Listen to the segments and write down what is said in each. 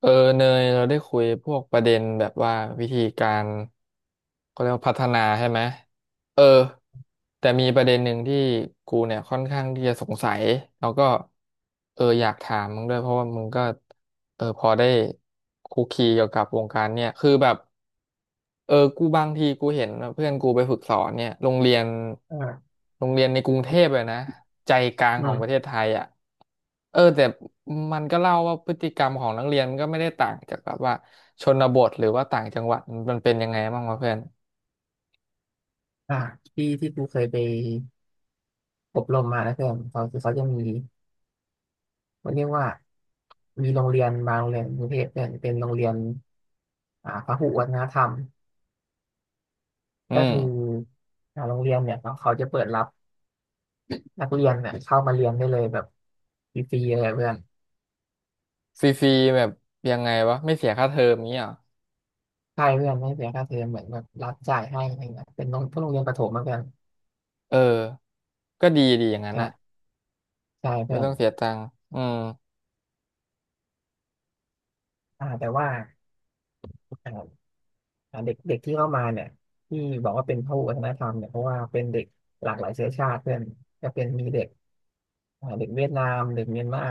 เออเนยเราได้คุยพวกประเด็นแบบว่าวิธีการเขาเรียกว่าพัฒนาใช่ไหมเออแต่มีประเด็นหนึ่งที่กูเนี่ยค่อนข้างที่จะสงสัยแล้วก็อยากถามมึงด้วยเพราะว่ามึงก็พอได้คุกคีเกี่ยวกับวงการเนี่ยคือแบบ กูบางทีกูเห็นเพื่อนกูไปฝึกสอนเนี่ยโรงเรียนอ่าโรงเรียนในกรุงเทพเลยนะใจกลางอืของปมระเทศไทยอ่ะแต่มันก็เล่าว่าพฤติกรรมของนักเรียนก็ไม่ได้ต่างจากแบบว่าชนบทหรือว่าต่างจังหวัดมันเป็นยังไงบ้างวะเพื่อนอ่าที่ที่กูเคยไปอบรมมานะเพื่อนเขาจะมีเขาเรียกว่ามีโรงเรียนบางโรงเรียนกรุงเทพเนี่ยเป็นโรงเรียนพหุวัฒนธรรมอืก็คือมโรงเรียนเนี่ยเขาจะเปิดรับนักเรียนเนี่ยเข้ามาเรียนได้เลยแบบฟรีๆเลยเพื่อนฟรีๆแบบยังไงวะไม่เสียค่าเทอมนี้เหรอใช่เพื่อนไม่เสียค่าเทอมเหมือนแบบรับจ่ายให้อะไรเงี้ยเป็นโรงพวกโรงเรียนประถมมาเพื่อนเออก็ดีดีอย่างนั้นใช่น่ะใช่ไม่เพื่อนต้องเสียตังค์อืมแต่ว่า เด็กเด็กที่เข้ามาเนี่ยที่บอกว่าเป็นพหุวัฒนธรรมเนี่ยเพราะว่าเป็นเด็กหลากหลายเชื้อชาติเพื่อนจะเป็นมีเด็กเด็กเวียดนามเด็กเมียนมา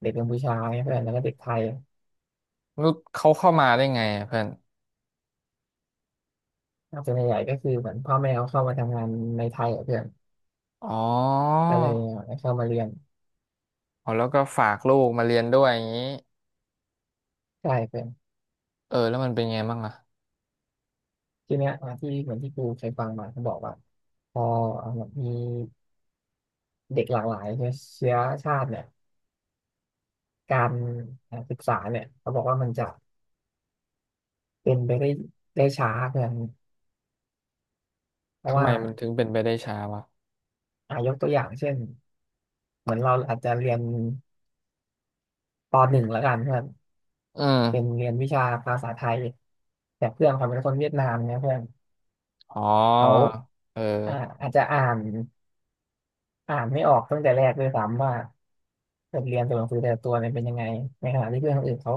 เด็กกัมพูชาเนี่ยเพื่อนแล้วก็เด็กไทยรู้เขาเข้ามาได้ไงอะเพื่อนส่วนใหญ่ก็คือเหมือนพ่อแม่เขาเข้ามาทำงานในไทยอะเพื่อนอ๋อก็เลยเข้ามาเรียนอ๋อแล้วก็ฝากลูกมาเรียนด้วยอย่างนี้ ใช่เพื่อนเออแล้วมันเป็นไงบ้างอะทีเนี้ยที่เหมือนที่กูเคยฟังมาเขาบอกว่าพอเอาแบบมีเด็กหลากหลายเชื้อชาติเนี่ยการศึกษาเนี่ยเขาบอกว่ามันจะเป็นไปได้ช้าเพื่อนเพราะทำไมว่า มันถึงเป็นไปได้ช้าวะยกตัวอย่างเช่นเหมือนเราอาจจะเรียนปหนึ่งแล้วกันเพื่อนอืเป็นมเรียนวิชาภาษาไทยแต่เพื่อนเขาเป็นคนเวียดนามเนี่ยเพื่อนอ๋อเขาเอออ่าอาจจะอ่านไม่ออกตั้งแต่แรกด้วยซ้ำว่าบทเรียนตัวหนังสือแต่ละตัวเนี่ยเป็นยังไงในขณะที่เพื่อนคนอื่นเขา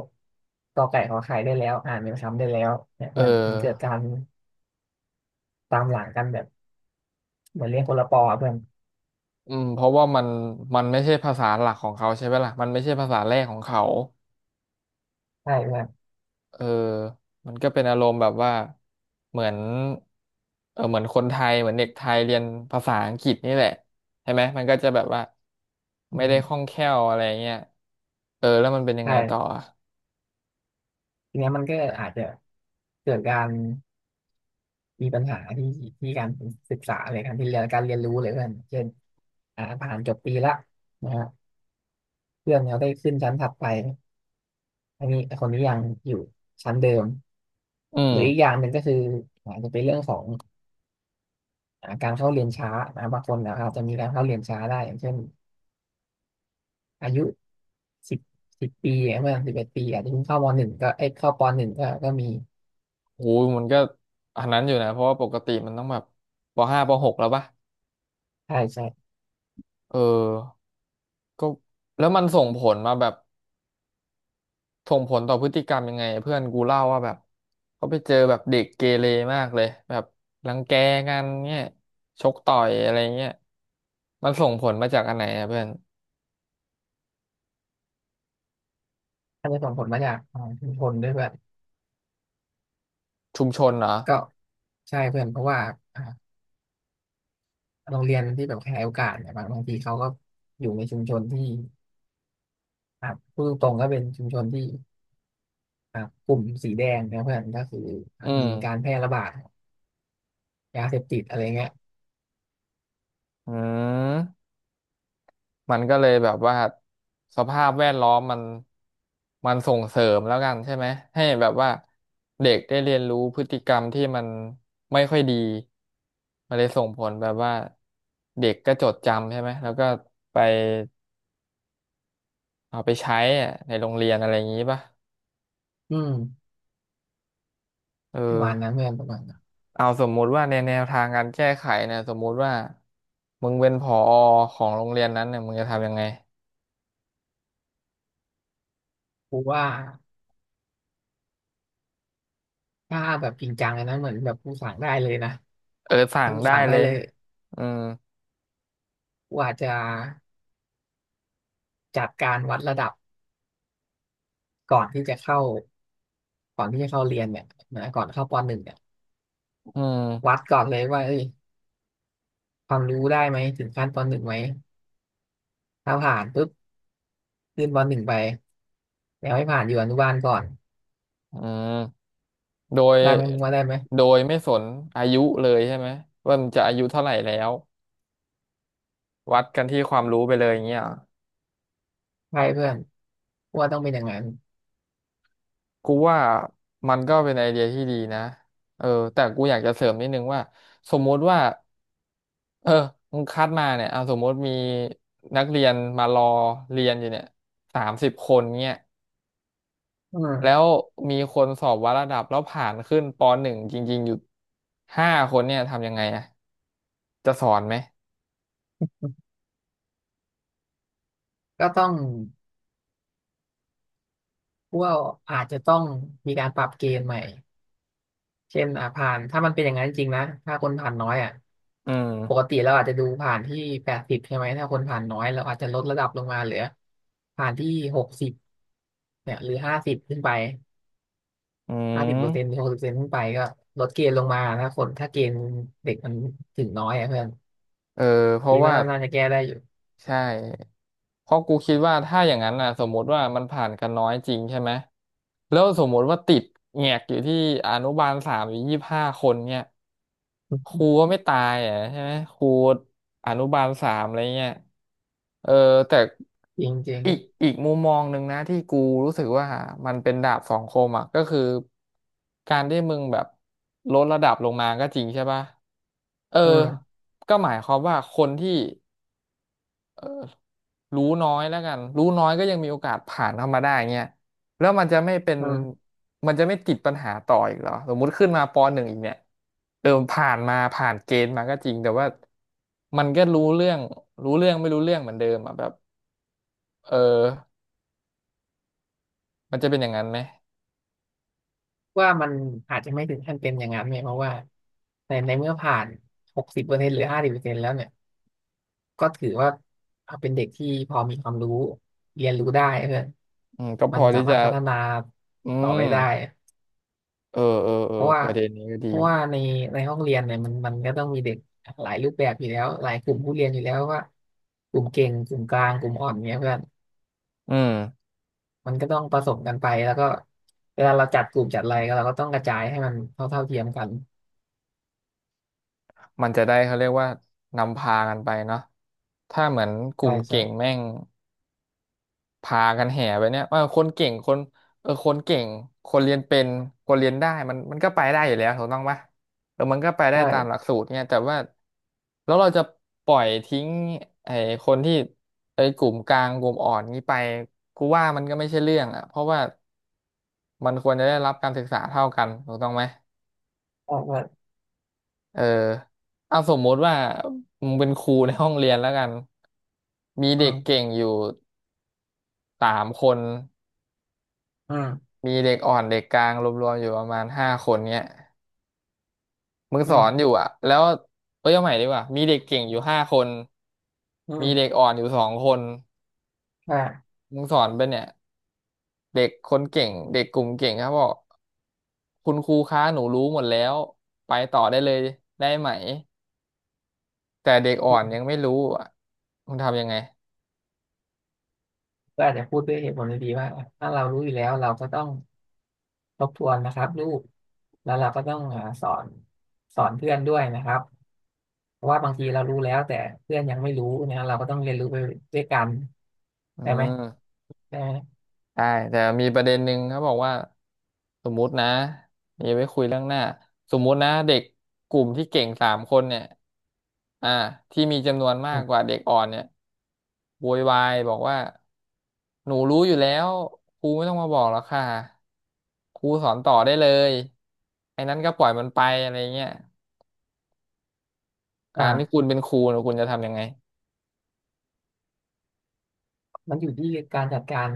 กอไก่ขอไข่ได้แล้วอ่านเป็นคำได้แล้วเนี่ยเออเพื่อนมันเกิดการตามหลังกันแบบเหมือนเรียนคนละปออะเพื่อนอืมเพราะว่ามันไม่ใช่ภาษาหลักของเขาใช่ไหมล่ะมันไม่ใช่ภาษาแรกของเขาใช่เพื่อนเออมันก็เป็นอารมณ์แบบว่า เหมือนเออเหมือนคนไทยเหมือนเด็กไทยเรียนภาษาอังกฤษนี่แหละใช่ไหมมันก็จะแบบว่าอืไม่ได้คล่องมแคล่วอะไรเงี้ยเออแล้วมันเป็นยังไงต่อใช่อะทีเนี้ยมันก็อาจจะเกิดการ มีปัญหาที่การศึกษาเลยการที่เรียนการเรียนรู้เลยเพื่อนเช่นผ่านจบปีละนะฮะเพื่อนเขาได้ขึ้นชั้นถัดไปอันนี้คนนี้ยังอยู่ชั้นเดิมอืหม รืออีกอย่างหนึ่งก็คืออาจจะเป็นเรื่องของการเข้าเรียนช้านะบางคนนะคจจะมีการเข้าเรียนช้าได้อย่างเช่นอายุสิบสิบปีเมื่อ11 ปีอาจจะเพิ่งเข้าปหนึ่งก็มีโหมันก็อันนั้นอยู่นะเพราะว่าปกติมันต้องแบบปห้าปหกแล้วปะใช่ใช่เออก็แล้วมันส่งผลมาแบบส่งผลต่อพฤติกรรมยังไงเพื่อนกูเล่าว่าแบบเขาไปเจอแบบเด็กเกเรมากเลยแบบรังแกกันเนี่ยชกต่อยอะไรเงี้ยมันส่งผลมาจากอันไหนอะเพื่อนอาจจะส่งผลมาจากชุมชนด้วยเพื่อนชุมชนเหรอก็ใช่เพื่อนเพราะว่า โรงเรียนที่แบบขยายโอกาสเนี่ยบางทีเขาก็อยู่ในชุมชนที่อ่ะพูดตรงๆก็เป็นชุมชนที่กลุ่มสีแดงนะเพื่อนก็คืออืมีการมแพร่ระบาดยาเสพติดอะไรเงี้ยอืม มันก็เลยแบบว่าสภาพแวดล้อมมันส่งเสริมแล้วกันใช่ไหมให้แบบว่าเด็กได้เรียนรู้พฤติกรรมที่มันไม่ค่อยดีมันเลยส่งผลแบบว่าเด็กก็จดจำใช่ไหมแล้วก็ไปเอาไปใช้อะในโรงเรียนอะไรอย่างนี้ป่ะอืมเออประมาณนั้นเพื่อนประมาณนั้นเอาสมมุติว่าในแนวทางการแก้ไขเนี่ยสมมุติว่ามึงเป็นผอของโรงเรียนนั้นเนี่ยมึงจะทำยังไงกูว่าถ้าแบบจริงจังเลยนะเหมือนแบบกูสั่งได้เลยนะเออสั่ถ้างกูได้สั่งได้เลยเลยอืมกูอาจจะจัดการวัดระดับก่อนที่จะเข้าก่อนที่จะเข้าเรียนเนี่ยนะก่อนเข้าปหนึ่งเนี่ยอืวัดมก่อนเลยว่าเอ้ยความรู้ได้ไหมถึงขั้นปหนึ่งไหมถ้าผ่านปุ๊บ ยื่นบอลหนึ่งไปแล้วให้ผ่านอยู่อนุบาลก่อนอืม โดยได้ไหมมึงว่าได้ไหมไม่สนอายุเลยใช่ไหมว่ามันจะอายุเท่าไหร่แล้ววัดกันที่ความรู้ไปเลยอย่างเงี้ยใช่เพื่อนกูว่าต้องเป็นอย่างนั้นกูว่ามันก็เป็นไอเดียที่ดีนะเออแต่กูอยากจะเสริมนิดนึงว่าสมมุติว่าเออมึงคัดมาเนี่ยเอาสมมุติมีนักเรียนมารอเรียนอยู่เนี่ย30 คนเนี่ยอืแล้มวมีคนสอบวัดระดับแล้วผ่านขึ้นปหนึ่งจริงๆอยู่ห้าคนเนี่ยทำยังไงอะจะสอนไหมก็ต้องกว่อาจจะต้องมีการปรับเกณฑ์ใหม่เช่นผ่านถ้ามันเป็นอย่างนั้นจริงๆนะถ้าคนผ่านน้อยอ่ะอืปกมติเราอาจจะดูผ่านที่80ใช่ไหมถ้าคนผ่านน้อยเราอาจจะลดระดับลงมาเหลือผ่านที่หกสิบเนี่ยหรือห้าสิบขึ้นไปอืห้าสิบเปอร์เซ็นต์หรืม อหกสิบเปอร์เซ็นต์ขึ้นไปก็ลดเกณฑ์ลงมาถ้าคนถ้าเกณฑ์เด็กมันถึงน้อยอ่ะเพื่อน เออเพคิราะดว่าว่าน่าจะแก้ได้อยู่ใช่เพราะกูคิดว่าถ้าอย่างนั้นน่ะสมมติว่ามันผ่านกันน้อยจริงใช่ไหมแล้วสมมติว่าติดแงกอยู่ที่อนุบาลสามอยู่25 คนเนี่ยครูก็ไม่ตายอ่ะใช่ไหมครูอนุบาลสามอะไรเงี้ยเออแต่จริงจริงอีกมุมมองหนึ่งนะที่กูรู้สึกว่ามันเป็นดาบสองคมอ่ะก็คือการที่มึงแบบลดระดับลงมาก็จริงใช่ปะเอออืมก็หมายความว่าคนที่ รู้น้อยแล้วกันรู้น้อยก็ยังมีโอกาสผ่านเข้ามาได้เงี้ยแล้วมันจะไม่เป็นอืมมันจะไม่ติดปัญหาต่ออีกเหรอสมมุติขึ้นมาปหนึ่งอีกเนี่ยเออผ่านมาผ่านเกณฑ์มาก็จริงแต่ว่ามันก็รู้เรื่องรู้เรื่องไม่รู้เรื่องเหมือนเดิมอ่ะแบบเออมันจะเป็นอย่างนั้นไหมว่ามันอาจจะไม่ถึงขั้นเป็นอย่างนั้นเนี่ยเพราะว่าในเมื่อผ่านหกสิบเปอร์เซ็นต์หรือห้าสิบเปอร์เซ็นต์แล้วเนี่ยก็ถือว่าเป็นเด็กที่พอมีความรู้เรียนรู้ได้เพื่อนอืมก็พมันอสาที่มาจะรถพัฒนาอืต่อไปมได้เออเออเอเพอราะว่าประเด็นนี้ก็ดีเพราะว่าในห้องเรียนเนี่ยมันก็ต้องมีเด็กหลายรูปแบบอยู่แล้วหลายกลุ่มผู้เรียนอยู่แล้วว่ากลุ่มเก่งกลุ่มกลางกลุ่มอ่อนเนี่ยเพื่อน อืมมันก็ต้องผสมกันไปแล้วก็เวลาเราจัดกลุ่มจัดอะไรก็เราก็ต้องกระจายให้มันเท่าเทียมกันมันจะได้เขาเรียกว่านำพากันไปเนาะถ้าเหมือนกใช่ลุ่มใช่เก่งแม่ง พากันแห่ไปเนี่ยว่าคนเก่งคนเออคนเก่งคนเรียนเป็นคนเรียนได้มันก็ไปได้อยู่แล้วถูกต้องปะเออมันก็ไปได้ตามหลักใช่สูตรเนี่ยแต่ว่าแล้วเราจะปล่อยทิ้งไอ้คนที่ไอ้กลุ่มกลางกลุ่มอ่อนนี้ไปกูว่ามันก็ไม่ใช่เรื่องอ่ะเพราะว่ามันควรจะได้รับการศึกษาเท่ากันถูกต้องไหมใช่ใช่เออเอาสมมติว่ามึงเป็นครูในห้องเรียนแล้วกันมีอืเด็กเก่มงอยู่สามคน อืมมีเด็กอ่อนเด็กกลางรวมๆอยู่ประมาณห้าคนเนี้ยมึงอืสอนอมยู่อ่ะแล้วเอ้ยเอาใหม่ดีกว่ามีเด็กเก่งอยู่ห้าคนอืมีเด็กมอ่อนอยู่2 คนใช่มึงสอนไปเนี่ยเด็กคนเก่งเด็กกลุ่มเก่งครับบอกคุณครูคะหนูรู้หมดแล้วไปต่อได้เลยได้ไหมแต่เด็กอ่อนอืยัมงไม่รู้อ่ะมึงทำยังไงก็อาจจะพูดด้วยเหตุผลดีๆว่าถ้าเรารู้อยู่แล้วเราก็ต้องทบทวนนะครับลูกแล้วเราก็ต้องสอนเพื่อนด้วยนะครับเพราะว่าบางทีเรารู้แล้วแต่เพื่อนยังไม่รู้นะเราก็ต้องเรียนรู้ไปด้วยกันอืได้ไหมม ได้ไหมได้แต่มีประเด็นหนึ่งเขาบอกว่าสมมุตินะอย่ไปคุยเรื่องหน้าสมมุตินะเด็กกลุ่มที่เก่งสามคนเนี่ยอ่าที่มีจำนวนมาอืกมกว่าเด็กอ่อนเนี่ยโวยวายบอกว่าหนูรู้อยู่แล้วครูไม่ต้องมาบอกหรอกค่ะครูสอนต่อได้เลยไอ้นั้นก็ปล่อยมันไปอะไรเงี้ยการที่คุอ่าณเป็นครูเนี่ยคุณจะทำยังไงมันอยู่ที่การจัดการ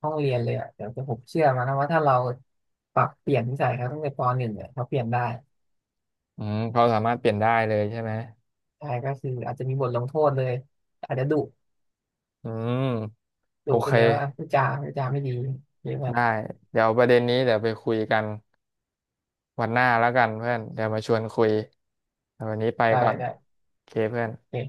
ห้องเรียนเลยอ่ะแต่ผมเชื่อมานะว่าถ้าเราปรับเปลี่ยนนิสัยเขาตั้งแต่ปหนึ่งเนี่ยเขาเปลี่ยนได้อืมเขาสามารถเปลี่ยนได้เลยใช่ไหมใช่ก็คืออาจจะมีบทลงโทษเลยอาจจะดุอืมดุโอไปเค เลยว่าพูดจาไม่ดีเรียกว่าได้เดี๋ยวประเด็นนี้เดี๋ยวไปคุยกันวันหน้าแล้วกันเพื่อนเดี๋ยวมาชวนคุยแต่วันนี้ไปได้ก่อนได้โอเคเพื่อนโอเค